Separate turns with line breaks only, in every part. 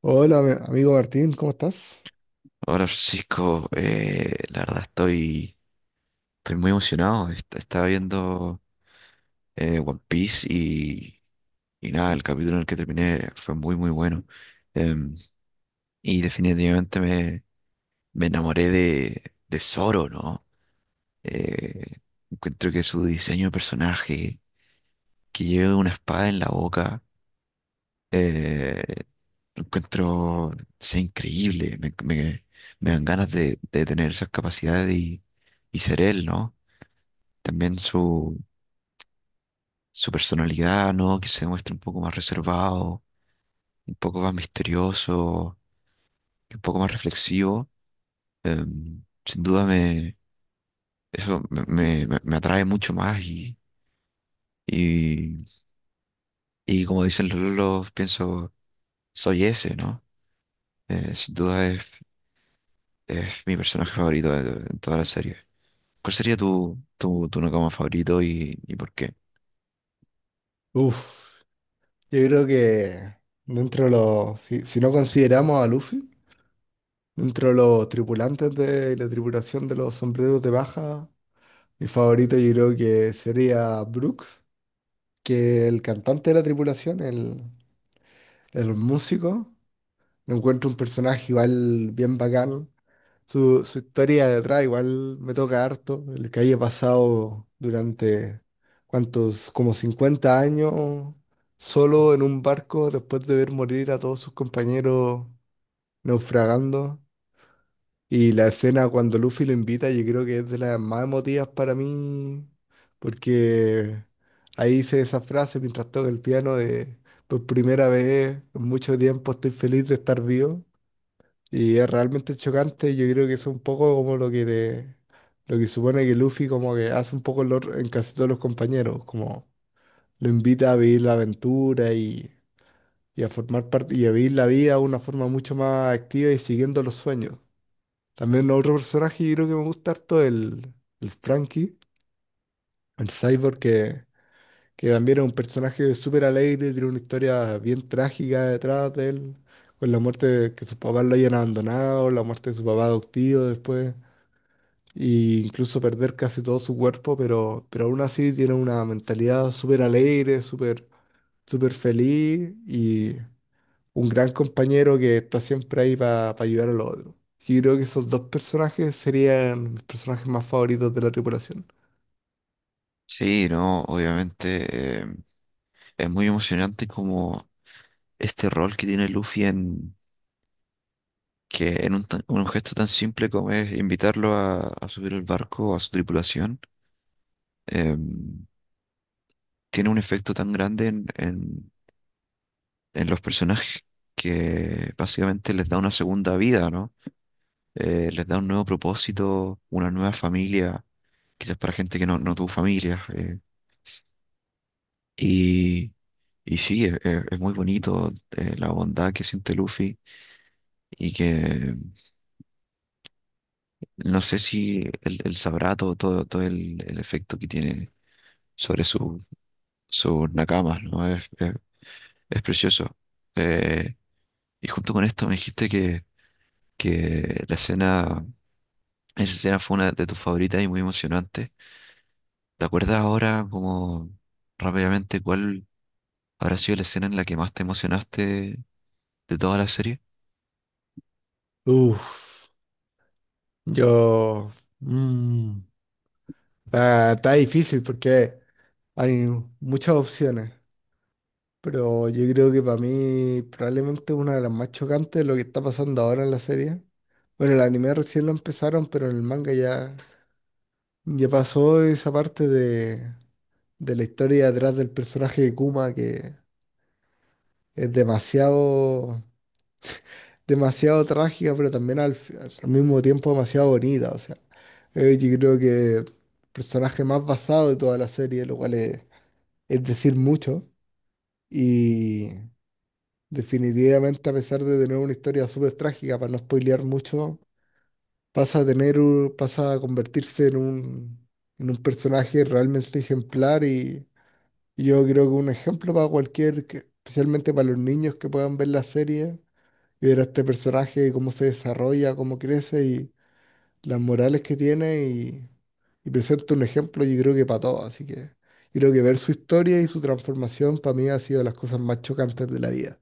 Hola, amigo Martín, ¿cómo estás?
Hola Francisco, la verdad estoy muy emocionado. Estaba viendo One Piece y nada, el capítulo en el que terminé fue muy muy bueno. Em, y definitivamente me enamoré de Zoro, ¿no? Eh, encuentro que su diseño de personaje, que lleve una espada en la boca, eh, lo encuentro, sea increíble. Me dan ganas de tener esas capacidades y ser él, ¿no? También su personalidad, ¿no? Que se muestre un poco más reservado, un poco más misterioso, un poco más reflexivo. Sin duda eso me atrae mucho más y, y como dicen los lolos, pienso, soy ese, ¿no? Sin duda es mi personaje favorito de toda la serie. ¿Cuál sería tu Nakama favorito y por qué?
Uf, yo creo que dentro de los, si no consideramos a Luffy, dentro de los tripulantes de la tripulación de los sombreros de baja, mi favorito yo creo que sería Brook, que el cantante de la tripulación, el músico, lo encuentro un personaje igual bien bacán. Su historia detrás igual me toca harto, el que haya pasado durante, ¿cuántos? Como 50 años solo en un barco después de ver morir a todos sus compañeros naufragando. Y la escena cuando Luffy lo invita, yo creo que es de las más emotivas para mí, porque ahí hice esa frase mientras toca el piano de, por primera vez en mucho tiempo estoy feliz de estar vivo. Y es realmente chocante, yo creo que es un poco como lo que supone que Luffy como que hace un poco en casi todos los compañeros, como lo invita a vivir la aventura y a formar parte y a vivir la vida de una forma mucho más activa y siguiendo los sueños. También otro personaje que creo que me gusta harto es el Frankie, el Cyborg que también es un personaje súper alegre, tiene una historia bien trágica detrás de él, con la que sus papás lo hayan abandonado, la muerte de su papá adoptivo después, e incluso perder casi todo su cuerpo, pero aún así tiene una mentalidad súper alegre, súper feliz y un gran compañero que está siempre ahí para ayudar a los otros. Yo creo que esos dos personajes serían mis personajes más favoritos de la tripulación.
Sí, no, obviamente es muy emocionante como este rol que tiene Luffy en que en un gesto tan simple como es invitarlo a subir al barco, a su tripulación, em, tiene un efecto tan grande en los personajes que básicamente les da una segunda vida, ¿no? Les da un nuevo propósito, una nueva familia, quizás para gente que no, no tuvo familia. Y, y sí, es muy bonito. La bondad que siente Luffy y que no sé si él, él sabrá todo, todo, todo el efecto que tiene sobre su, sus nakamas, ¿no? Es precioso. Eh, y junto con esto me dijiste que la escena, esa escena fue una de tus favoritas y muy emocionante. ¿Te acuerdas ahora, como rápidamente, cuál habrá sido la escena en la que más te emocionaste de toda la serie?
Uff, yo... mm, está difícil porque hay muchas opciones. Pero yo creo que para mí probablemente una de las más chocantes es lo que está pasando ahora en la serie. Bueno, el anime recién lo empezaron, pero en el manga ya pasó esa parte de la historia detrás del personaje de Kuma que es demasiado, demasiado trágica, pero también al mismo tiempo demasiado bonita. O sea, yo creo que el personaje más basado de toda la serie, lo cual es decir mucho. Definitivamente, a pesar de tener una historia súper trágica, para no spoilear mucho, pasa a pasa a convertirse en en un personaje realmente ejemplar y yo creo que un ejemplo para especialmente para los niños que puedan ver la serie y ver a este personaje, cómo se desarrolla, cómo crece y las morales que tiene y presenta un ejemplo, yo creo que para todos. Así que yo creo que ver su historia y su transformación para mí ha sido de las cosas más chocantes de la vida.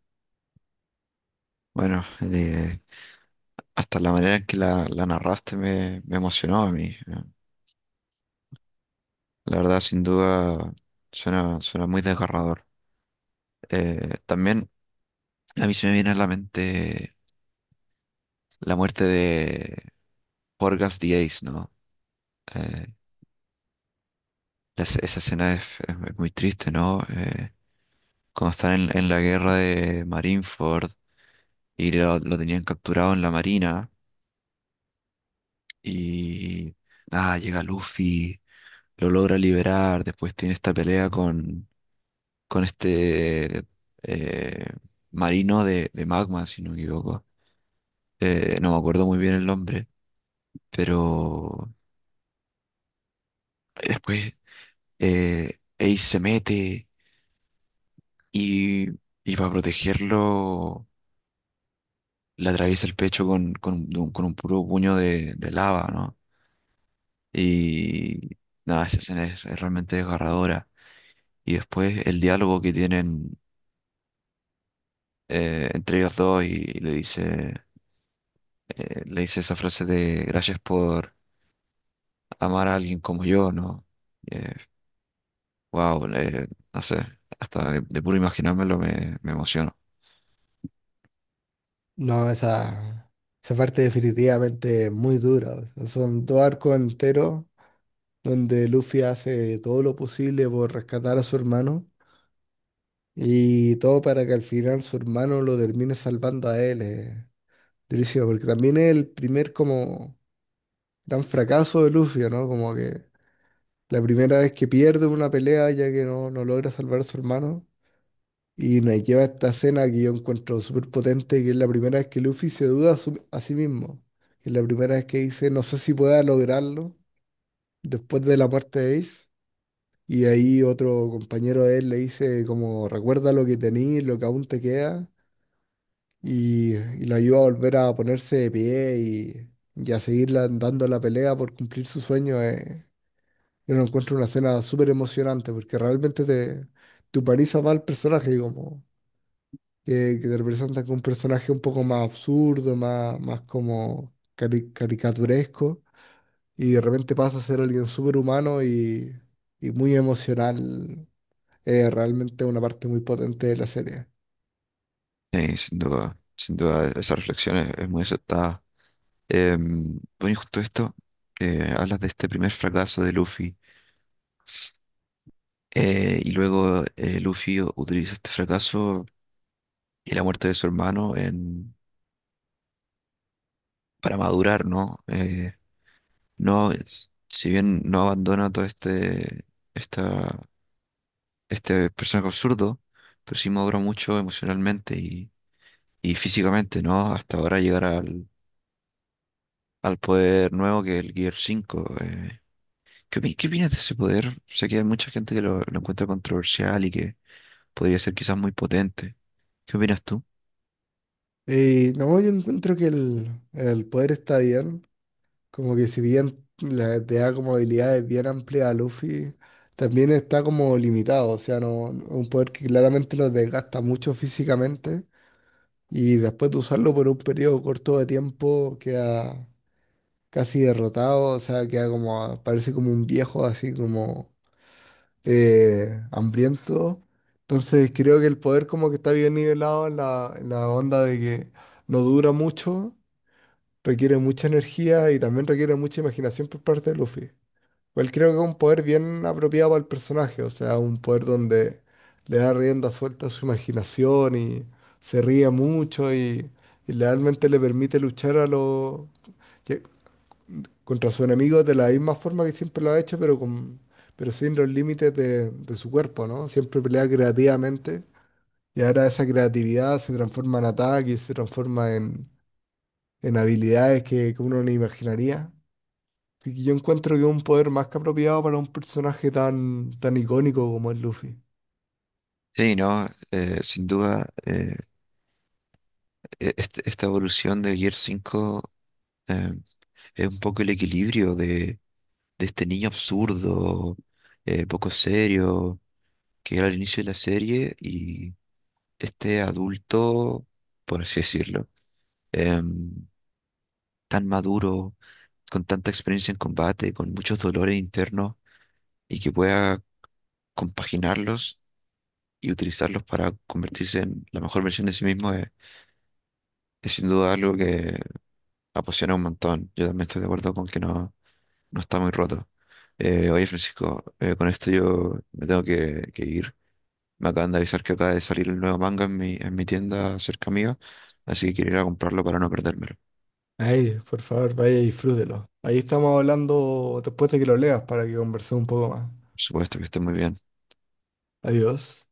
Bueno, hasta la manera en que la narraste me emocionó a mí. La verdad, sin duda, suena, suena muy desgarrador. También a mí se me viene a la mente la muerte de Porgas the Ace, ¿no? Eh, esa escena es muy triste, ¿no? Cuando están en la guerra de Marineford y lo tenían capturado en la marina y llega Luffy, lo logra liberar, después tiene esta pelea con este eh, marino de magma, si no me equivoco. No me acuerdo muy bien el nombre, pero después Ace se mete y, y para protegerlo le atraviesa el pecho con un puro puño de lava, ¿no? Y nada, esa escena es realmente desgarradora. Y después el diálogo que tienen entre ellos dos y le dice esa frase de gracias por amar a alguien como yo, ¿no? Eh, wow, no sé, hasta de puro imaginármelo me emociono.
No, esa parte definitivamente es muy dura. O sea, son dos arcos enteros donde Luffy hace todo lo posible por rescatar a su hermano y todo para que al final su hermano lo termine salvando a él. Durísimo, porque también es el primer como gran fracaso de Luffy, ¿no? Como que la primera vez que pierde una pelea ya que no logra salvar a su hermano. Y nos lleva a esta escena que yo encuentro súper potente, que es la primera vez que Luffy se duda a sí mismo. Es la primera vez que dice, no sé si pueda lograrlo después de la muerte de Ace. Y ahí otro compañero de él le dice, como, recuerda lo que tenés, lo que aún te queda. Y lo ayuda a volver a ponerse de pie y a dando la pelea por cumplir su sueño. Yo lo encuentro una escena súper emocionante porque realmente te humaniza más al personaje, como que te representan con un personaje un poco más absurdo, más como caricaturesco, y de repente pasa a ser alguien súper humano y muy emocional. Es realmente una parte muy potente de la serie.
Sí, sin duda, sin duda, esa reflexión es muy aceptada. Bueno, y justo esto, que hablas de este primer fracaso de Luffy, y luego Luffy utiliza este fracaso y la muerte de su hermano en, para madurar, ¿no? Si bien no abandona todo este, esta este personaje absurdo, pero sí madura mucho emocionalmente y físicamente, ¿no? Hasta ahora llegar al, al poder nuevo que es el Gear 5 ¿Qué, qué opinas de ese poder? Sé que hay mucha gente que lo encuentra controversial y que podría ser quizás muy potente. ¿Qué opinas tú?
Y no, yo encuentro que el poder está bien, como que si bien te da como habilidades bien amplias a Luffy, también está como limitado, o sea, un poder que claramente lo desgasta mucho físicamente. Y después de usarlo por un periodo corto de tiempo, queda casi derrotado, o sea, queda como, parece como un viejo así como hambriento. Entonces creo que el poder como que está bien nivelado en en la onda de que no dura mucho, requiere mucha energía y también requiere mucha imaginación por parte de Luffy. Igual creo que es un poder bien apropiado para el personaje, o sea, un poder donde le da rienda suelta a su imaginación y se ríe mucho y realmente le permite luchar a que- contra sus enemigos de la misma forma que siempre lo ha hecho, pero con pero sin los límites de su cuerpo, ¿no? Siempre pelea creativamente y ahora esa creatividad se transforma en ataques, se transforma en habilidades que uno no imaginaría. Yo encuentro que es un poder más que apropiado para un personaje tan, tan icónico como es Luffy.
Sí, no, sin duda, esta evolución del Gear 5 eh, es un poco el equilibrio de este niño absurdo, poco serio que era el inicio de la serie y este adulto, por así decirlo, em, tan maduro, con tanta experiencia en combate, con muchos dolores internos y que pueda compaginarlos y utilizarlos para convertirse en la mejor versión de sí mismo es sin duda algo que apasiona un montón. Yo también estoy de acuerdo con que no, no está muy roto. Oye, Francisco, con esto yo me tengo que ir. Me acaban de avisar que acaba de salir el nuevo manga en mi tienda cerca mía, así que quiero ir a comprarlo para no perdérmelo.
Ay, por favor, vaya y disfrútelo. Ahí estamos hablando después de que lo leas para que conversemos un poco más.
Por supuesto que esté muy bien.
Adiós.